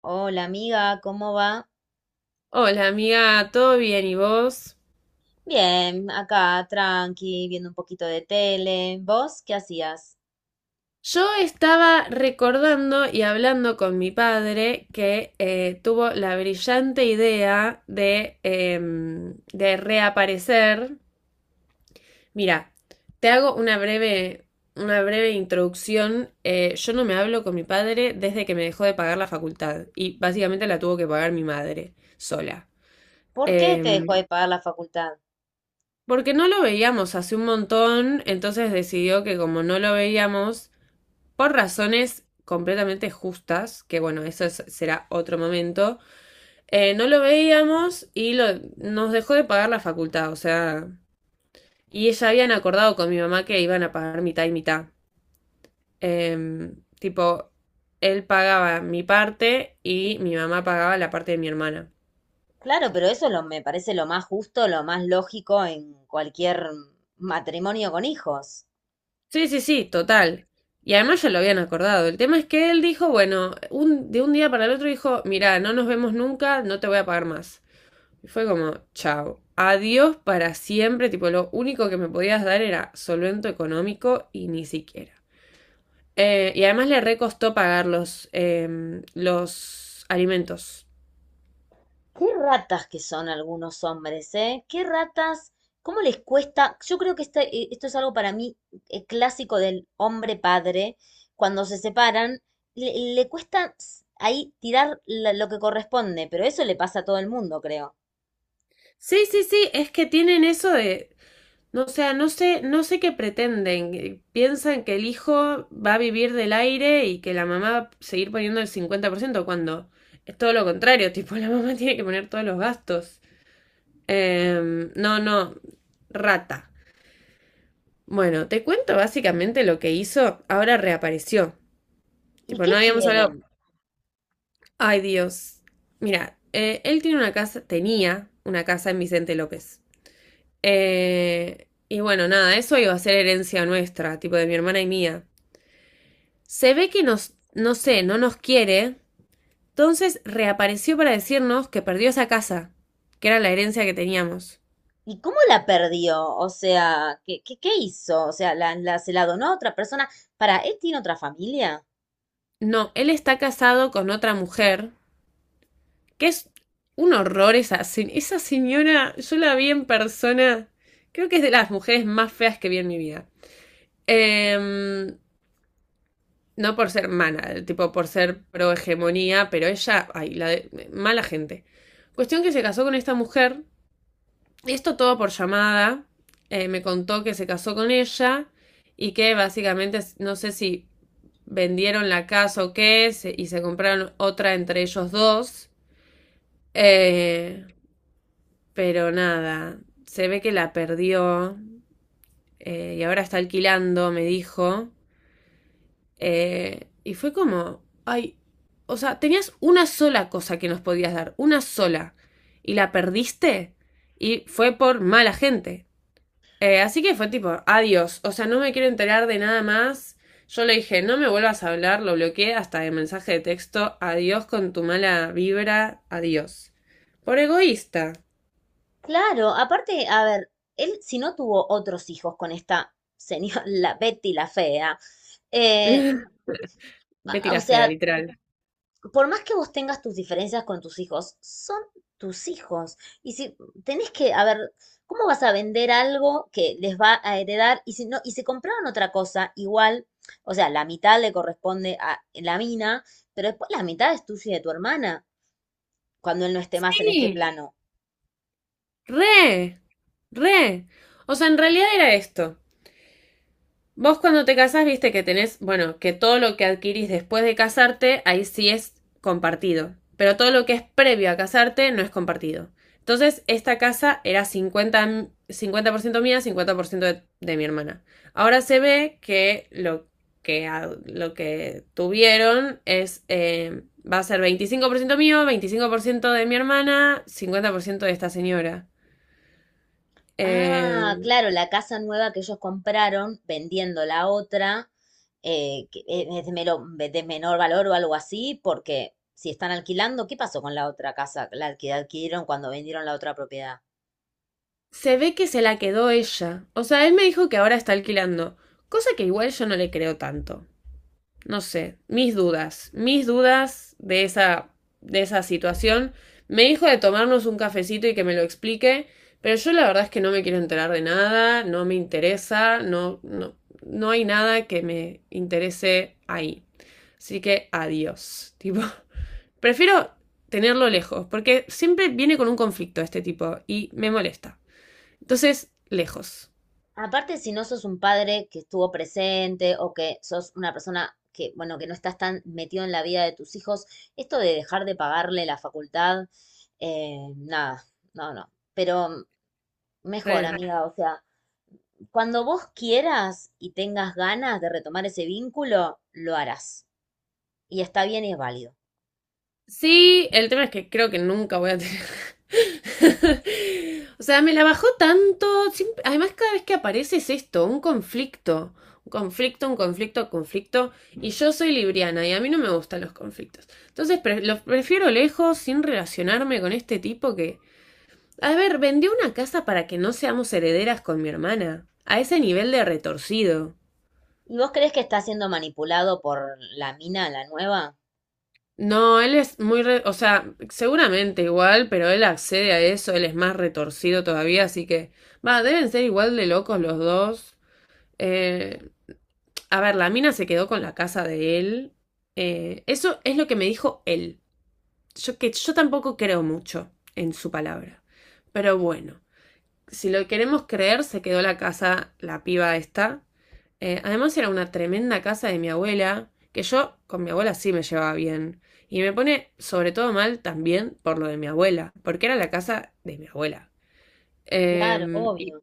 Hola amiga, ¿cómo va? Hola amiga, ¿todo bien y vos? Bien, acá tranqui, viendo un poquito de tele. ¿Vos qué hacías? Yo estaba recordando y hablando con mi padre que tuvo la brillante idea de, de reaparecer. Mira, te hago una breve introducción. Yo no me hablo con mi padre desde que me dejó de pagar la facultad y básicamente la tuvo que pagar mi madre sola. ¿Por qué te dejó Em, de pagar la facultad? Porque no lo veíamos hace un montón, entonces decidió que como no lo veíamos, por razones completamente justas, que bueno, será otro momento, no lo veíamos y nos dejó de pagar la facultad, o sea, y ella habían acordado con mi mamá que iban a pagar mitad y mitad. Tipo, él pagaba mi parte y mi mamá pagaba la parte de mi hermana. Claro, pero eso lo, me parece lo más justo, lo más lógico en cualquier matrimonio con hijos. Sí, sí, sí, total. Y además ya lo habían acordado. El tema es que él dijo, bueno, de un día para el otro dijo, mira, no nos vemos nunca, no te voy a pagar más. Y fue como, chao, adiós para siempre, tipo lo único que me podías dar era solvento económico y ni siquiera. Y además le recostó pagar los, los alimentos. Qué ratas que son algunos hombres, ¿eh? Qué ratas, cómo les cuesta. Yo creo que esto es algo para mí clásico del hombre padre. Cuando se separan, le cuesta s- ahí tirar la- lo que corresponde, pero eso le pasa a todo el mundo, creo. Sí, sí, sí, es que tienen eso de, no, o sea, no sé qué pretenden. Piensan que el hijo va a vivir del aire y que la mamá va a seguir poniendo el 50% cuando es todo lo contrario. Tipo, la mamá tiene que poner todos los gastos. No, no, rata. Bueno, te cuento básicamente lo que hizo. Ahora reapareció. ¿Y Tipo, no qué habíamos hablado. quieren? Ay, Dios. Mira, él tiene una casa, tenía una casa en Vicente López. Y bueno, nada, eso iba a ser herencia nuestra, tipo de mi hermana y mía. Se ve que nos, no sé, no nos quiere. Entonces reapareció para decirnos que perdió esa casa, que era la herencia que teníamos. ¿Y cómo la perdió? O sea, ¿qué hizo? O sea, la- ¿se la donó a otra persona? ¿Para él tiene otra familia? No, él está casado con otra mujer. Que es un horror esa, esa señora, yo la vi en persona, creo que es de las mujeres más feas que vi en mi vida. Em, no por ser mala, tipo por ser pro hegemonía, pero ella, ay, mala gente. Cuestión que se casó con esta mujer, esto todo por llamada, me contó que se casó con ella y que básicamente, no sé si vendieron la casa o qué, y se compraron otra entre ellos dos. Eh, Pero nada, se ve que la perdió, y ahora está alquilando, me dijo. Y fue como, ay, o sea, tenías una sola cosa que nos podías dar, una sola, y la perdiste y fue por mala gente. Así que fue tipo, adiós, o sea, no me quiero enterar de nada más. Yo le dije, no me vuelvas a hablar, lo bloqueé hasta el mensaje de texto, adiós con tu mala vibra, adiós. Por egoísta. Claro, aparte, a ver, él si no tuvo otros hijos con esta señora, la Betty la fea, eh, Betty a- o la fea, sea, literal. por más que vos tengas tus diferencias con tus hijos, son tus hijos. Y si tenés que, a ver, ¿cómo vas a vender algo que les va a heredar? Y si no, y si compraron otra cosa, igual, o sea, la mitad le corresponde a la mina, pero después la mitad es tuya y de tu hermana, cuando él no esté más en este Sí, plano. re, re. O sea, en realidad era esto. Vos cuando te casás, viste que tenés, bueno, que todo lo que adquirís después de casarte, ahí sí es compartido. Pero todo lo que es previo a casarte no es compartido. Entonces, esta casa era 50% mía, 50% de mi hermana. Ahora se ve que lo que tuvieron es, va a ser 25% mío, 25% de mi hermana, 50% de esta señora. Ah, Eh, claro, la casa nueva que ellos compraron vendiendo la otra, que e- es de, mero- de menor valor o algo así, porque si están alquilando, ¿qué pasó con la otra casa? La que adquirieron cuando vendieron la otra propiedad. Se ve que se la quedó ella. O sea, él me dijo que ahora está alquilando. Cosa que igual yo no le creo tanto. No sé, mis dudas de esa situación. Me dijo de tomarnos un cafecito y que me lo explique, pero yo la verdad es que no me quiero enterar de nada, no me interesa, no, no, no hay nada que me interese ahí. Así que adiós. Tipo, prefiero tenerlo lejos, porque siempre viene con un conflicto este tipo y me molesta. Entonces, lejos. Aparte, si no sos un padre que estuvo presente o que sos una persona que, bueno, que no estás tan metido en la vida de tus hijos, esto de dejar de pagarle la facultad, nada, no, no. Pero mejor, Re. amiga, o sea. Cuando vos quieras y tengas ganas de retomar ese vínculo, lo harás. Y está bien y es válido. Sí, el tema es que creo que nunca voy a tener. O sea, me la bajó tanto. Además, cada vez que aparece es esto, un conflicto. Un conflicto, un conflicto, un conflicto. Y yo soy libriana y a mí no me gustan los conflictos. Entonces, los prefiero lejos, sin relacionarme con este tipo que... A ver, vendió una casa para que no seamos herederas con mi hermana. A ese nivel de retorcido. ¿Y vos crees que está siendo manipulado por la mina, la nueva? No, él es o sea, seguramente igual, pero él accede a eso, él es más retorcido todavía, así que, va, deben ser igual de locos los dos. Eh, a ver, la mina se quedó con la casa de él. Eso es lo que me dijo él. Yo tampoco creo mucho en su palabra. Pero bueno, si lo queremos creer, se quedó la casa, la piba esta. Además era una tremenda casa de mi abuela, que yo con mi abuela sí me llevaba bien. Y me pone sobre todo mal también por lo de mi abuela, porque era la casa de mi abuela. Claro, Eh, y, obvio.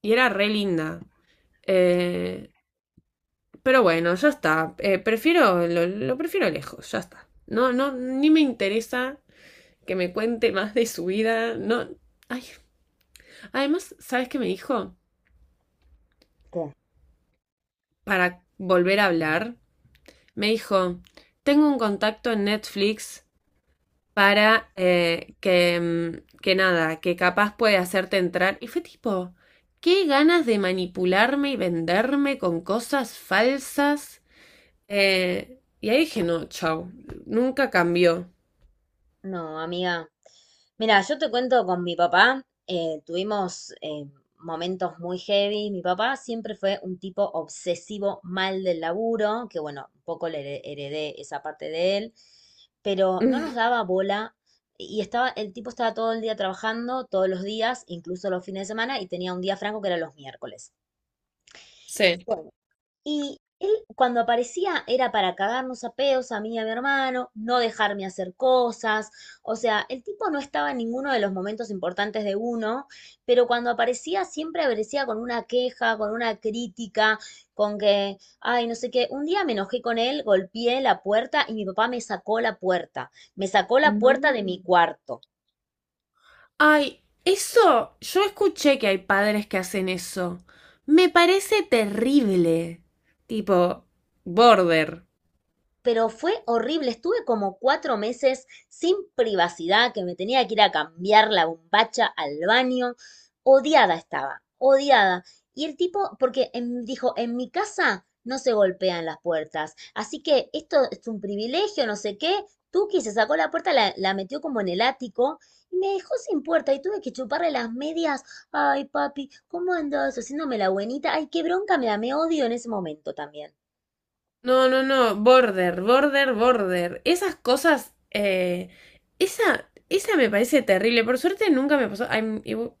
y era re linda. Eh, pero bueno, ya está. Prefiero, lo prefiero lejos, ya está. No, no, ni me interesa que me cuente más de su vida. No. Ay. Además, ¿sabes qué me dijo? ¿Qué? Para volver a hablar, me dijo, tengo un contacto en Netflix para que nada, que capaz puede hacerte entrar. Y fue tipo, qué ganas de manipularme y venderme con cosas falsas. Y ahí dije, no, chau, nunca cambió. No, amiga, mira, yo te cuento con mi papá, tuvimos momentos muy heavy. Mi papá siempre fue un tipo obsesivo, mal del laburo, que bueno, un poco le heredé esa parte de él, pero no nos daba bola y estaba, el tipo estaba todo el día trabajando, todos los días, incluso los fines de semana, y tenía un día franco que era los miércoles. Sí. Y él cuando aparecía era para cagarnos a pedos a mí y a mi hermano, no dejarme hacer cosas, o sea, el tipo no estaba en ninguno de los momentos importantes de uno, pero cuando aparecía siempre aparecía con una queja, con una crítica, con que, ay, no sé qué, un día me enojé con él, golpeé la puerta y mi papá me sacó la puerta, me sacó la puerta No. de mi cuarto. Ay, eso, yo escuché que hay padres que hacen eso. Me parece terrible. Tipo, border. Pero fue horrible. Estuve como 4 meses sin privacidad, que me tenía que ir a cambiar la bombacha al baño. Odiada estaba, odiada. Y el tipo, porque en- dijo, en mi casa no se golpean las puertas, así que esto es un privilegio, no sé qué. Tuki se sacó la puerta, la metió como en el ático y me dejó sin puerta y tuve que chuparle las medias. Ay, papi, ¿cómo andas? Haciéndome la buenita. Ay, qué bronca me da, me odio en ese momento también. No, no, no, border, border, border. Esas cosas, esa, esa me parece terrible. Por suerte nunca me pasó. Ay,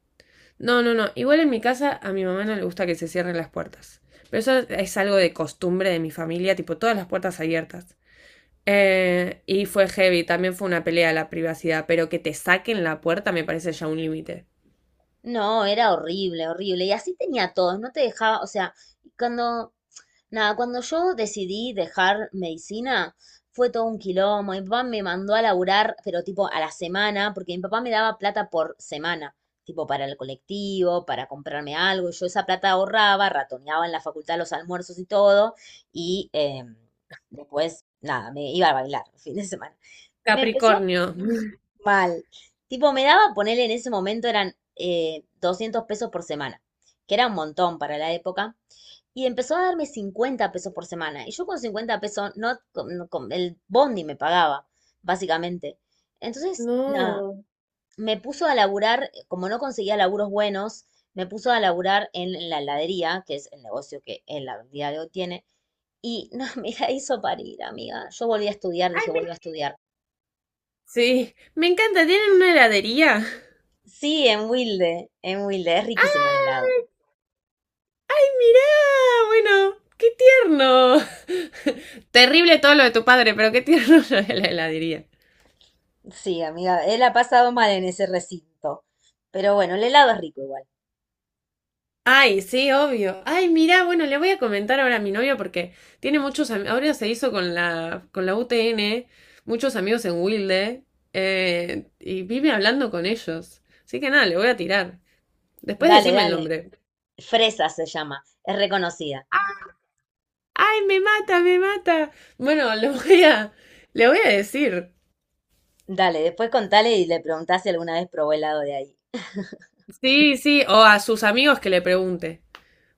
no, no, no. Igual en mi casa a mi mamá no le gusta que se cierren las puertas. Pero eso es algo de costumbre de mi familia, tipo todas las puertas abiertas. Y fue heavy, también fue una pelea a la privacidad, pero que te saquen la puerta me parece ya un límite. No, era horrible, horrible. Y así tenía a todos, no te dejaba, o sea, cuando, nada, cuando yo decidí dejar medicina, fue todo un quilombo. Mi papá me mandó a laburar, pero tipo a la semana, porque mi papá me daba plata por semana, tipo para el colectivo, para comprarme algo. Y yo esa plata ahorraba, ratoneaba en la facultad los almuerzos y todo. Y después, nada, me iba a bailar el fin de semana. Me empezó, Capricornio. mal. Tipo, me daba ponerle en ese momento eran 200 pesos por semana, que era un montón para la época, y empezó a darme 50 pesos por semana. Y yo con 50 pesos, no, el bondi me pagaba, básicamente. Entonces, nada, No. me puso a laburar, como no conseguía laburos buenos, me puso a laburar en la heladería, que es el negocio que en la día de hoy tiene, y no, me la hizo parir, amiga. Yo volví a estudiar, dije, Ay, me... vuelvo a estudiar. Sí, me encanta, tienen una heladería. Sí, en Wilde, es ¡Ah! riquísimo el helado. ¡Ay, mirá! Bueno, qué tierno. Terrible todo lo de tu padre, pero qué tierno lo de la heladería. Sí, amiga, él ha pasado mal en ese recinto. Pero bueno, el helado es rico igual. Ay, sí, obvio. Ay, mirá, bueno, le voy a comentar ahora a mi novio porque tiene muchos amigos. Ahora se hizo con con la UTN, muchos amigos en Wilde, y vive hablando con ellos. Así que nada, le voy a tirar. Después Dale, decime el dale. nombre. Fresa se llama, es reconocida. Ah, ¡ay, me mata, me mata! Bueno, le voy a decir. Dale, después contale y le preguntás si alguna vez probó helado de ahí. Sí, sí, o a sus amigos que le pregunte.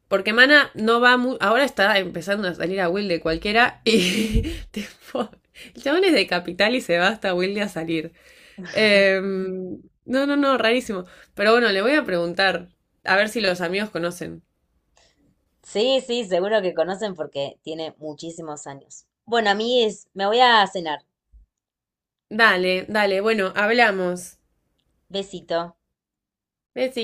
Porque Mana no va mu- ahora está empezando a salir a Wilde cualquiera y tipo, el chabón es de capital y se va hasta Wilde a salir. No, no, no, rarísimo. Pero bueno, le voy a preguntar a ver si los amigos conocen. Sí, sí, seguro que conocen porque tiene muchísimos años. Bueno, amigues, me voy a cenar. Dale, dale, bueno, hablamos. Besito. Besi.